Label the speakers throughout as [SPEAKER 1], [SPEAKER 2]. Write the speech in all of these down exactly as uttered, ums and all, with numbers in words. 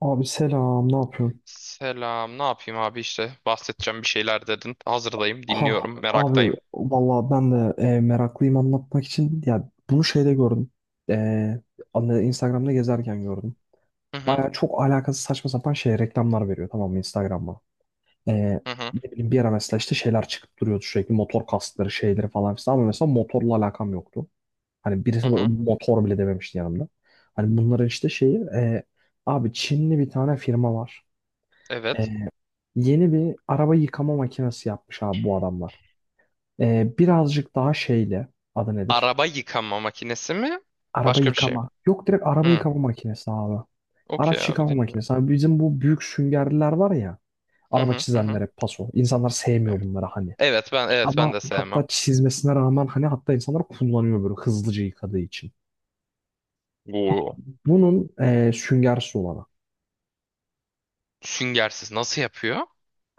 [SPEAKER 1] Abi selam, ne yapıyorsun?
[SPEAKER 2] Selam. Ne yapayım abi işte bahsedeceğim bir şeyler dedin. Hazırdayım,
[SPEAKER 1] Ha
[SPEAKER 2] dinliyorum,
[SPEAKER 1] abi
[SPEAKER 2] meraktayım.
[SPEAKER 1] vallahi ben de e, meraklıyım anlatmak için. Ya bunu şeyde gördüm. E, anne- Instagram'da gezerken gördüm.
[SPEAKER 2] Hı hı,
[SPEAKER 1] Baya çok alakasız saçma sapan şey reklamlar veriyor tamam mı Instagram'a. E,
[SPEAKER 2] hı hı,
[SPEAKER 1] Ne bileyim bir ara mesela işte şeyler çıkıp duruyordu sürekli motor kaskları şeyleri falan filan, ama mesela motorla alakam yoktu. Hani birisi
[SPEAKER 2] hı
[SPEAKER 1] de
[SPEAKER 2] hı.
[SPEAKER 1] motor bile dememişti yanımda. Hani bunların işte şeyi e, abi Çinli bir tane firma var. Ee,
[SPEAKER 2] Evet.
[SPEAKER 1] Yeni bir araba yıkama makinesi yapmış abi bu adamlar. Ee, birazcık daha şeyle adı nedir?
[SPEAKER 2] Araba yıkama makinesi mi?
[SPEAKER 1] Araba
[SPEAKER 2] Başka bir şey mi?
[SPEAKER 1] yıkama. Yok, direkt araba
[SPEAKER 2] Hı.
[SPEAKER 1] yıkama makinesi abi.
[SPEAKER 2] Okey
[SPEAKER 1] Araç
[SPEAKER 2] abi
[SPEAKER 1] yıkama
[SPEAKER 2] dinliyorum.
[SPEAKER 1] makinesi. Abi bizim bu büyük süngerliler var ya.
[SPEAKER 2] Hı
[SPEAKER 1] Araba
[SPEAKER 2] hı, hı hı.
[SPEAKER 1] çizenlere paso. İnsanlar
[SPEAKER 2] Evet.
[SPEAKER 1] sevmiyor bunları hani.
[SPEAKER 2] Evet, ben, evet,
[SPEAKER 1] Ama
[SPEAKER 2] ben de sevmem.
[SPEAKER 1] hatta çizmesine rağmen hani hatta insanlar kullanıyor böyle hızlıca yıkadığı için.
[SPEAKER 2] Oo.
[SPEAKER 1] Bunun e, süngersiz olanı.
[SPEAKER 2] Süngersiz nasıl yapıyor?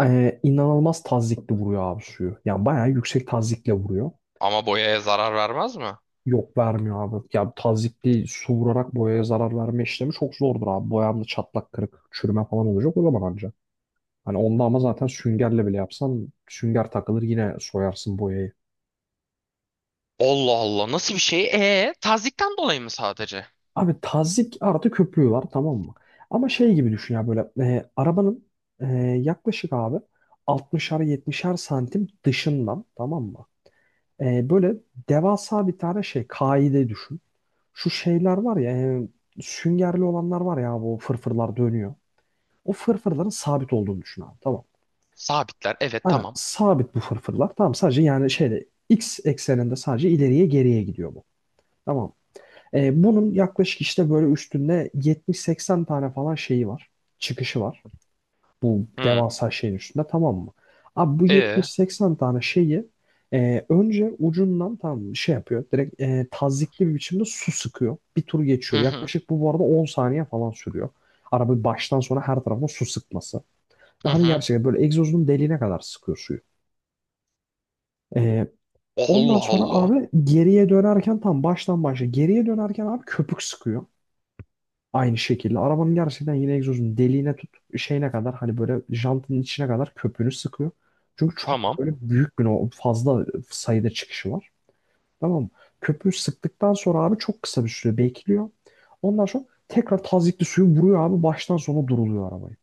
[SPEAKER 1] E, inanılmaz tazyikli vuruyor abi suyu. Yani bayağı yüksek tazyikle vuruyor.
[SPEAKER 2] Ama boyaya zarar vermez mi?
[SPEAKER 1] Yok, vermiyor abi. Ya tazyikli su vurarak boyaya zarar verme işlemi çok zordur abi. Boyamda çatlak kırık çürüme falan olacak o zaman anca. Hani onda ama zaten süngerle bile yapsan sünger takılır yine soyarsın boyayı.
[SPEAKER 2] Allah Allah, nasıl bir şey? E tazikten dolayı mı sadece?
[SPEAKER 1] Abi tazyik artı köpüğü var tamam mı? Ama şey gibi düşün ya böyle e, arabanın e, yaklaşık abi altmışar yetmişer santim dışından tamam mı? E, böyle devasa bir tane şey kaide düşün. Şu şeyler var ya e, süngerli olanlar var ya bu fırfırlar dönüyor. O fırfırların sabit olduğunu düşün abi. Tamam.
[SPEAKER 2] Sabitler, evet,
[SPEAKER 1] Aynen
[SPEAKER 2] tamam.
[SPEAKER 1] sabit bu fırfırlar. Tamam, sadece yani şeyde x ekseninde sadece ileriye geriye gidiyor bu. Tamam. Ee, bunun yaklaşık işte böyle üstünde yetmiş seksen tane falan şeyi var. Çıkışı var. Bu
[SPEAKER 2] Hı.
[SPEAKER 1] devasa şeyin üstünde tamam mı? Abi bu
[SPEAKER 2] E.
[SPEAKER 1] yetmiş seksen tane şeyi e, önce ucundan tam şey yapıyor. Direkt e, tazyikli bir biçimde su sıkıyor. Bir tur geçiyor.
[SPEAKER 2] Hı hı,
[SPEAKER 1] Yaklaşık bu bu arada on saniye falan sürüyor. Araba baştan sona her tarafına su sıkması. Ve
[SPEAKER 2] hı
[SPEAKER 1] hani
[SPEAKER 2] hı.
[SPEAKER 1] gerçekten böyle egzozunun deliğine kadar sıkıyor suyu. Ee, Ondan
[SPEAKER 2] Allah
[SPEAKER 1] sonra
[SPEAKER 2] Allah.
[SPEAKER 1] abi geriye dönerken tam baştan başla. Geriye dönerken abi köpük sıkıyor. Aynı şekilde. Arabanın gerçekten yine egzozunun deliğine tut şeyine kadar hani böyle jantının içine kadar köpüğünü sıkıyor. Çünkü çok
[SPEAKER 2] Tamam.
[SPEAKER 1] böyle büyük bir o fazla sayıda çıkışı var. Tamam mı? Köpüğü sıktıktan sonra abi çok kısa bir süre bekliyor. Ondan sonra tekrar tazyikli suyu vuruyor abi baştan sona duruluyor arabayı.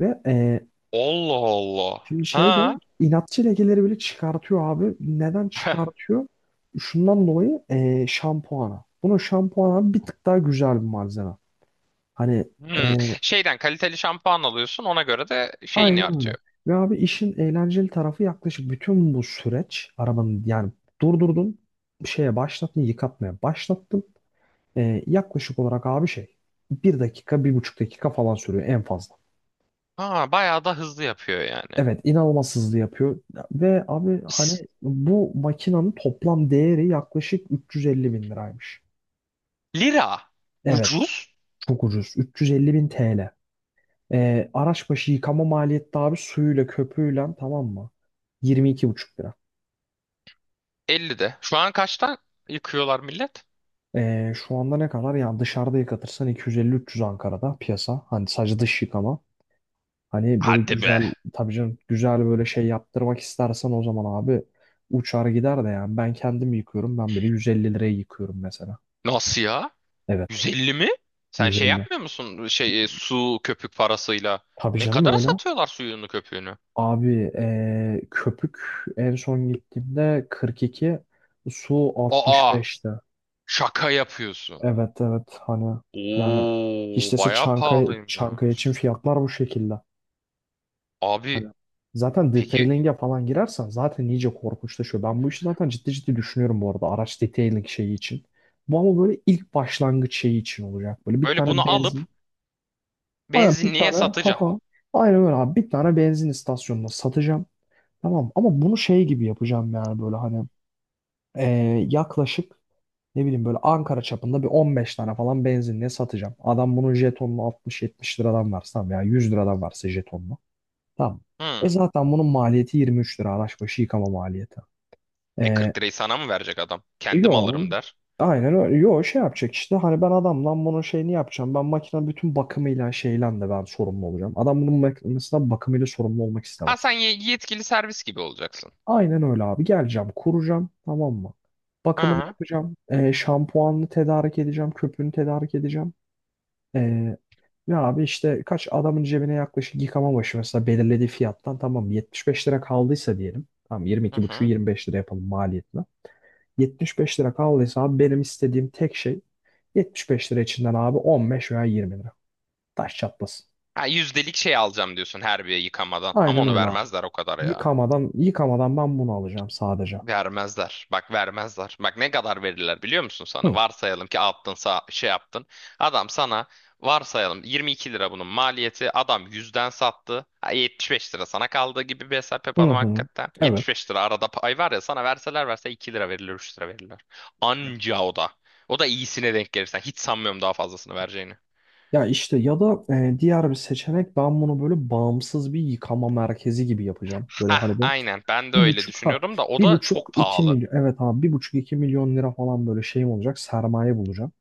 [SPEAKER 1] Ve e,
[SPEAKER 2] Allah Allah.
[SPEAKER 1] Şimdi şey de
[SPEAKER 2] Ha?
[SPEAKER 1] inatçı lekeleri bile çıkartıyor abi. Neden çıkartıyor? Şundan dolayı eee şampuana. Bunun şampuanı bir tık daha güzel bir malzeme. Hani
[SPEAKER 2] Hmm.
[SPEAKER 1] eee
[SPEAKER 2] Şeyden kaliteli şampuan alıyorsun, ona göre de şeyini
[SPEAKER 1] aynen öyle.
[SPEAKER 2] artıyor.
[SPEAKER 1] Ve abi işin eğlenceli tarafı yaklaşık bütün bu süreç arabanın yani durdurdun şeye başlattın yıkatmaya başlattın. Eee, yaklaşık olarak abi şey bir dakika bir buçuk dakika falan sürüyor en fazla.
[SPEAKER 2] Ha, bayağı da hızlı yapıyor yani.
[SPEAKER 1] Evet, inanılmaz hızlı yapıyor ve abi
[SPEAKER 2] S-
[SPEAKER 1] hani bu makinenin toplam değeri yaklaşık 350 bin liraymış.
[SPEAKER 2] Lira.
[SPEAKER 1] Evet,
[SPEAKER 2] Ucuz.
[SPEAKER 1] çok ucuz. 350 bin T L. Ee, araç başı yıkama maliyeti de abi suyuyla köpüğüyle tamam mı? Yirmi iki buçuk lira.
[SPEAKER 2] ellide. Şu an kaçtan yıkıyorlar millet?
[SPEAKER 1] Ee, şu anda ne kadar? Yani dışarıda yıkatırsan iki yüz elli üç yüz Ankara'da piyasa. Hani sadece dış yıkama. Hani böyle
[SPEAKER 2] Hadi be.
[SPEAKER 1] güzel tabii canım, güzel böyle şey yaptırmak istersen o zaman abi uçar gider de, yani ben kendim yıkıyorum. Ben bile yüz elli liraya yıkıyorum mesela.
[SPEAKER 2] Nasıl ya?
[SPEAKER 1] Evet.
[SPEAKER 2] yüz elli mi? Sen şey
[SPEAKER 1] Nutella.
[SPEAKER 2] yapmıyor musun? Şey e, su köpük parasıyla.
[SPEAKER 1] Tabii
[SPEAKER 2] Ne
[SPEAKER 1] canım
[SPEAKER 2] kadara
[SPEAKER 1] öyle.
[SPEAKER 2] satıyorlar suyunu köpüğünü?
[SPEAKER 1] Abi eee, köpük en son gittiğimde kırk iki, su
[SPEAKER 2] Aa,
[SPEAKER 1] altmış beşte.
[SPEAKER 2] şaka yapıyorsun.
[SPEAKER 1] Evet, evet, hani yani hiç
[SPEAKER 2] Oo,
[SPEAKER 1] dese,
[SPEAKER 2] bayağı
[SPEAKER 1] Çankaya, Çankaya için
[SPEAKER 2] pahalıymış.
[SPEAKER 1] fiyatlar bu şekilde. Hani
[SPEAKER 2] Abi,
[SPEAKER 1] zaten
[SPEAKER 2] peki
[SPEAKER 1] detailing'e falan girersen zaten iyice korkunçlaşıyor. Ben bu işi zaten ciddi ciddi düşünüyorum bu arada, araç detailing şeyi için. Bu ama böyle ilk başlangıç şeyi için olacak. Böyle bir
[SPEAKER 2] böyle bunu
[SPEAKER 1] tane
[SPEAKER 2] alıp
[SPEAKER 1] benzin. Aynen bir
[SPEAKER 2] benzinliğe
[SPEAKER 1] tane. Ha
[SPEAKER 2] satacağım.
[SPEAKER 1] ha. Aynen öyle abi. Bir tane benzin istasyonuna satacağım. Tamam, ama bunu şey gibi yapacağım yani böyle hani eee, yaklaşık ne bileyim böyle Ankara çapında bir on beş tane falan benzinliğe satacağım. Adam bunun jetonunu altmış yetmiş liradan varsa tamam ya yüz liradan varsa jetonunu. Tamam. E
[SPEAKER 2] Hı.
[SPEAKER 1] zaten bunun maliyeti yirmi üç lira, araç başı yıkama maliyeti.
[SPEAKER 2] E
[SPEAKER 1] Eee
[SPEAKER 2] kırk lirayı sana mı verecek adam? Kendim
[SPEAKER 1] Yo,
[SPEAKER 2] alırım der.
[SPEAKER 1] aynen öyle. Yo, şey yapacak işte hani ben adamdan bunun şeyini yapacağım. Ben makinenin bütün bakımıyla şeyle de ben sorumlu olacağım. Adam bunun makinesinden bakımıyla sorumlu olmak
[SPEAKER 2] Ha, sen
[SPEAKER 1] istemez.
[SPEAKER 2] ye- yetkili servis gibi olacaksın.
[SPEAKER 1] Aynen öyle abi. Geleceğim, kuracağım, tamam mı?
[SPEAKER 2] Hı
[SPEAKER 1] Bakımını
[SPEAKER 2] hı.
[SPEAKER 1] yapacağım. E, şampuanını tedarik edeceğim, köpüğünü tedarik edeceğim. E, Ya abi işte kaç adamın cebine yaklaşık yıkama başı mesela belirlediği fiyattan tamam yetmiş beş lira kaldıysa diyelim. Tamam, yirmi iki buçuğu
[SPEAKER 2] Hı.
[SPEAKER 1] yirmi beş lira yapalım maliyetine. Yetmiş beş lira kaldıysa abi benim istediğim tek şey, yetmiş beş lira içinden abi on beş veya yirmi lira. Taş çatlasın.
[SPEAKER 2] Ha, yüzdelik şey alacağım diyorsun her bir yıkamadan. Ama
[SPEAKER 1] Aynen
[SPEAKER 2] onu
[SPEAKER 1] öyle abi.
[SPEAKER 2] vermezler o kadar ya.
[SPEAKER 1] Yıkamadan yıkamadan ben bunu alacağım sadece.
[SPEAKER 2] Vermezler. Bak, vermezler. Bak, ne kadar verirler biliyor musun sana?
[SPEAKER 1] Hı
[SPEAKER 2] Varsayalım ki attın sağ, şey yaptın. Adam sana varsayalım yirmi iki lira bunun maliyeti. Adam yüzden sattı. Ha, yetmiş beş lira sana kaldı gibi bir hesap
[SPEAKER 1] hı.
[SPEAKER 2] yapalım
[SPEAKER 1] Hı.
[SPEAKER 2] hakikaten.
[SPEAKER 1] Evet.
[SPEAKER 2] yetmiş beş lira arada pay var ya, sana verseler verse iki lira verirler, üç lira verirler. Anca o da. O da iyisine denk gelirsen. Hiç sanmıyorum daha fazlasını vereceğini.
[SPEAKER 1] Ya işte ya da e, diğer bir seçenek ben bunu böyle bağımsız bir yıkama merkezi gibi yapacağım. Böyle
[SPEAKER 2] Hah,
[SPEAKER 1] hani bir,
[SPEAKER 2] aynen, ben de
[SPEAKER 1] bir
[SPEAKER 2] öyle
[SPEAKER 1] buçuk, ha
[SPEAKER 2] düşünüyorum da o
[SPEAKER 1] bir
[SPEAKER 2] da
[SPEAKER 1] buçuk
[SPEAKER 2] çok
[SPEAKER 1] iki
[SPEAKER 2] pahalı.
[SPEAKER 1] milyon, evet abi bir buçuk iki milyon lira falan böyle şeyim olacak, sermaye bulacağım.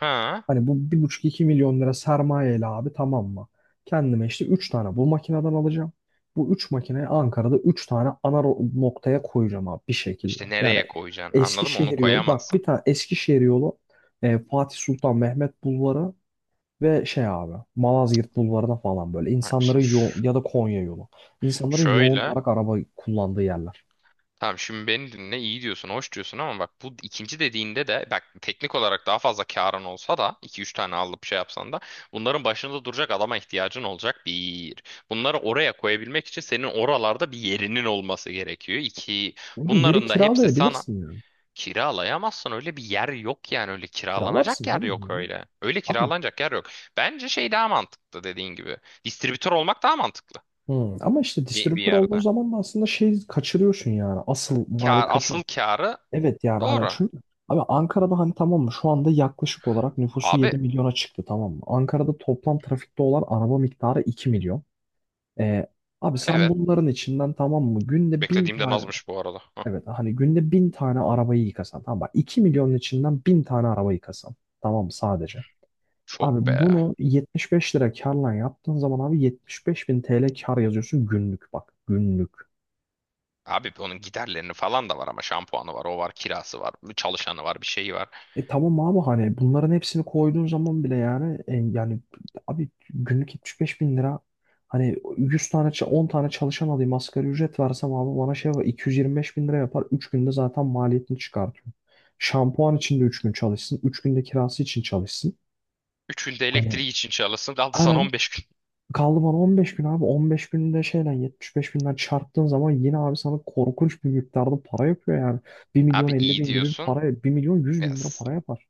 [SPEAKER 2] Ha
[SPEAKER 1] Hani bu bir buçuk iki milyon lira sermayeyle abi tamam mı? Kendime işte üç tane bu makineden alacağım. Bu üç makineyi Ankara'da üç tane ana ro- noktaya koyacağım abi bir şekilde.
[SPEAKER 2] işte
[SPEAKER 1] Yani
[SPEAKER 2] nereye koyacaksın, anladın mı? Onu
[SPEAKER 1] Eskişehir yolu bak, bir
[SPEAKER 2] koyamazsın.
[SPEAKER 1] tane Eskişehir yolu, e, Fatih Sultan Mehmet Bulvarı ve şey abi Malazgirt Bulvarı'na falan, böyle
[SPEAKER 2] Bak
[SPEAKER 1] insanların
[SPEAKER 2] şimdi,
[SPEAKER 1] yoğun,
[SPEAKER 2] şu-
[SPEAKER 1] ya da Konya yolu. İnsanların yoğun
[SPEAKER 2] şöyle.
[SPEAKER 1] olarak araba kullandığı yerler.
[SPEAKER 2] Tamam, şimdi beni dinle, iyi diyorsun, hoş diyorsun ama bak, bu ikinci dediğinde de bak, teknik olarak daha fazla karın olsa da iki üç tane alıp şey yapsan da bunların başında duracak adama ihtiyacın olacak bir. Bunları oraya koyabilmek için senin oralarda bir yerinin olması gerekiyor, İki.
[SPEAKER 1] Oğlum, bir yeri
[SPEAKER 2] Bunların da hepsi sana
[SPEAKER 1] kiralayabilirsin yani.
[SPEAKER 2] kiralayamazsın, öyle bir yer yok yani, öyle kiralanacak
[SPEAKER 1] Kiralarsın
[SPEAKER 2] yer
[SPEAKER 1] canım
[SPEAKER 2] yok
[SPEAKER 1] ya.
[SPEAKER 2] öyle. Öyle
[SPEAKER 1] Abi,
[SPEAKER 2] kiralanacak yer yok. Bence şey daha mantıklı, dediğin gibi. Distribütör olmak daha mantıklı
[SPEAKER 1] hı, ama işte
[SPEAKER 2] bir, bir
[SPEAKER 1] distribütör olduğun
[SPEAKER 2] yerde.
[SPEAKER 1] zaman da aslında şey kaçırıyorsun yani. Asıl maliyet
[SPEAKER 2] Kar,
[SPEAKER 1] kaçıyor.
[SPEAKER 2] asıl karı.
[SPEAKER 1] Evet, yani hani
[SPEAKER 2] Doğru.
[SPEAKER 1] çünkü abi Ankara'da hani tamam mı şu anda yaklaşık olarak nüfusu
[SPEAKER 2] Abi,
[SPEAKER 1] yedi milyona çıktı tamam mı? Ankara'da toplam trafikte olan araba miktarı iki milyon. Ee, Abi sen
[SPEAKER 2] evet.
[SPEAKER 1] bunların içinden tamam mı günde bin
[SPEAKER 2] Beklediğimden
[SPEAKER 1] tane.
[SPEAKER 2] azmış bu arada. Hah,
[SPEAKER 1] Evet, hani günde bin tane arabayı yıkasan tamam bak, iki milyonun içinden bin tane araba yıkasan tamam mı sadece. Abi
[SPEAKER 2] çok be.
[SPEAKER 1] bunu yetmiş beş lira karla yaptığın zaman abi yetmiş beş bin T L kar yazıyorsun günlük, bak günlük.
[SPEAKER 2] Abi onun giderlerini falan da var ama şampuanı var, o var, kirası var, çalışanı var, bir şeyi var.
[SPEAKER 1] E tamam abi hani bunların hepsini koyduğun zaman bile yani e, yani abi günlük yetmiş beş bin lira, hani yüz tane ça- on tane çalışan alayım asgari ücret versem abi bana şey var iki yüz yirmi beş bin lira yapar, üç günde zaten maliyetini çıkartıyor. Şampuan için de üç gün çalışsın, üç günde kirası için çalışsın.
[SPEAKER 2] Üçünde
[SPEAKER 1] Hani
[SPEAKER 2] elektriği için çalışsın, kaldı sana
[SPEAKER 1] aynen,
[SPEAKER 2] on beş gün.
[SPEAKER 1] kaldı bana on beş gün abi. on beş günde şeyle yetmiş beş binden çarptığın zaman yine abi sana korkunç bir miktarda para yapıyor yani. Bir milyon
[SPEAKER 2] Abi
[SPEAKER 1] elli
[SPEAKER 2] iyi
[SPEAKER 1] bin gibi bir
[SPEAKER 2] diyorsun.
[SPEAKER 1] para, bir milyon yüz
[SPEAKER 2] Ya,
[SPEAKER 1] bin lira para yapar.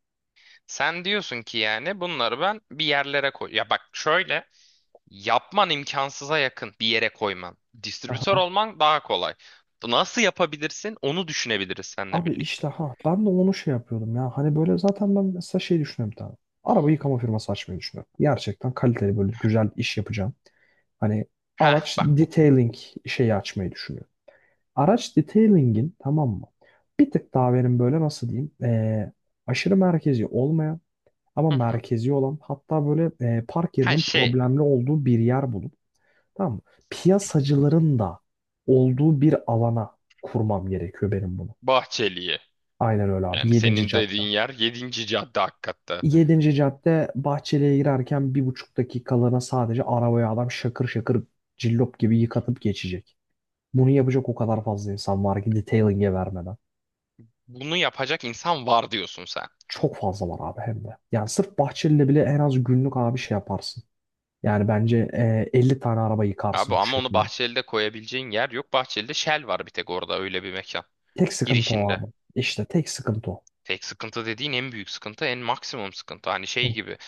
[SPEAKER 2] sen diyorsun ki yani bunları ben bir yerlere koy. Ya bak şöyle, yapman imkansıza yakın bir yere koyman. Distribütör
[SPEAKER 1] Aha.
[SPEAKER 2] olman daha kolay. Nasıl yapabilirsin onu düşünebiliriz seninle
[SPEAKER 1] Abi
[SPEAKER 2] birlikte.
[SPEAKER 1] işte ha ben de onu şey yapıyordum ya. Hani böyle zaten ben mesela şey düşünüyorum bir tane. Araba yıkama firması açmayı düşünüyorum. Gerçekten kaliteli böyle güzel iş yapacağım. Hani
[SPEAKER 2] Ha,
[SPEAKER 1] araç
[SPEAKER 2] bak bu.
[SPEAKER 1] detailing şeyi açmayı düşünüyorum. Araç detailing'in tamam mı? Bir tık daha benim böyle nasıl diyeyim? Ee, aşırı merkezi olmayan, ama
[SPEAKER 2] Hı hı.
[SPEAKER 1] merkezi olan, hatta böyle e, park
[SPEAKER 2] Ha
[SPEAKER 1] yerinin
[SPEAKER 2] şey,
[SPEAKER 1] problemli olduğu bir yer bulup tamam mı? Piyasacıların da olduğu bir alana kurmam gerekiyor benim bunu.
[SPEAKER 2] Bahçeli'ye.
[SPEAKER 1] Aynen öyle abi.
[SPEAKER 2] Yani
[SPEAKER 1] Yedinci
[SPEAKER 2] senin
[SPEAKER 1] cadde.
[SPEAKER 2] dediğin yer yedinci cadde hakikatte.
[SPEAKER 1] Yedinci cadde Bahçeli'ye girerken bir buçuk dakikalığına sadece arabaya adam şakır şakır cillop gibi yıkatıp geçecek. Bunu yapacak o kadar fazla insan var ki detailing'e vermeden.
[SPEAKER 2] Bunu yapacak insan var diyorsun sen.
[SPEAKER 1] Çok fazla var abi, hem de. Yani sırf Bahçeli'yle bile en az günlük abi şey yaparsın. Yani bence e, elli tane araba
[SPEAKER 2] Abi
[SPEAKER 1] yıkarsın bu
[SPEAKER 2] ama onu
[SPEAKER 1] şekilde.
[SPEAKER 2] Bahçeli'de koyabileceğin yer yok. Bahçeli'de Shell var bir tek, orada öyle bir mekan.
[SPEAKER 1] Tek sıkıntı o
[SPEAKER 2] Girişinde.
[SPEAKER 1] abi. İşte tek sıkıntı o.
[SPEAKER 2] Tek sıkıntı dediğin en büyük sıkıntı, en maksimum sıkıntı. Hani şey
[SPEAKER 1] Hı.
[SPEAKER 2] gibi.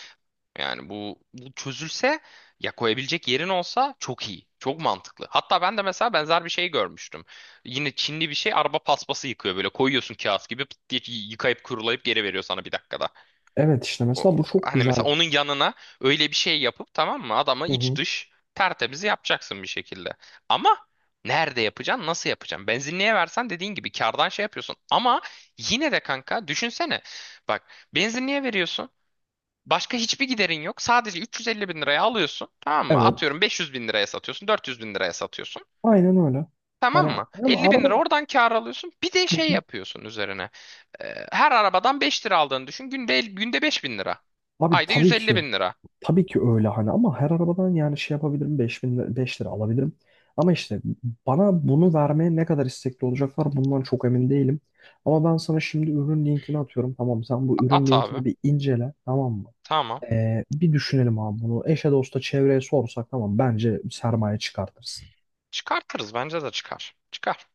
[SPEAKER 2] Yani bu, bu çözülse, ya koyabilecek yerin olsa çok iyi. Çok mantıklı. Hatta ben de mesela benzer bir şey görmüştüm. Yine Çinli bir şey, araba paspası yıkıyor böyle. Koyuyorsun kağıt gibi, pıt diye yıkayıp kurulayıp geri veriyor sana bir dakikada.
[SPEAKER 1] Evet, işte mesela
[SPEAKER 2] O-
[SPEAKER 1] bu çok
[SPEAKER 2] Hani
[SPEAKER 1] güzel
[SPEAKER 2] mesela
[SPEAKER 1] bir
[SPEAKER 2] onun
[SPEAKER 1] şey.
[SPEAKER 2] yanına öyle bir şey yapıp, tamam mı, adamı
[SPEAKER 1] Hı
[SPEAKER 2] iç
[SPEAKER 1] hı.
[SPEAKER 2] dış tertemiz yapacaksın bir şekilde. Ama nerede yapacaksın, nasıl yapacaksın? Benzinliğe versen dediğin gibi kardan şey yapıyorsun. Ama yine de kanka, düşünsene, bak, benzinliğe veriyorsun. Başka hiçbir giderin yok. Sadece üç yüz elli bin liraya alıyorsun. Tamam mı?
[SPEAKER 1] Evet.
[SPEAKER 2] Atıyorum beş yüz bin liraya satıyorsun. dört yüz bin liraya satıyorsun.
[SPEAKER 1] Aynen öyle.
[SPEAKER 2] Tamam
[SPEAKER 1] Hani
[SPEAKER 2] mı?
[SPEAKER 1] ama
[SPEAKER 2] Elli bin
[SPEAKER 1] arada,
[SPEAKER 2] lira oradan kar alıyorsun. Bir de
[SPEAKER 1] hı
[SPEAKER 2] şey
[SPEAKER 1] hı,
[SPEAKER 2] yapıyorsun üzerine. Ee, her arabadan beş lira aldığını düşün. Günde, el- günde beş bin lira.
[SPEAKER 1] abi
[SPEAKER 2] Ayda yüz
[SPEAKER 1] tabii
[SPEAKER 2] elli
[SPEAKER 1] ki,
[SPEAKER 2] bin lira.
[SPEAKER 1] tabii ki öyle hani, ama her arabadan yani şey yapabilirim beş bin beş lira alabilirim. Ama işte bana bunu vermeye ne kadar istekli olacaklar bundan çok emin değilim. Ama ben sana şimdi ürün linkini atıyorum. Tamam sen bu ürün
[SPEAKER 2] At abi.
[SPEAKER 1] linkini bir incele tamam mı?
[SPEAKER 2] Tamam.
[SPEAKER 1] Ee, bir düşünelim abi bunu. Eşe dosta çevreye sorsak tamam bence sermaye çıkartırız.
[SPEAKER 2] Çıkartırız. Bence de çıkar. Çıkar.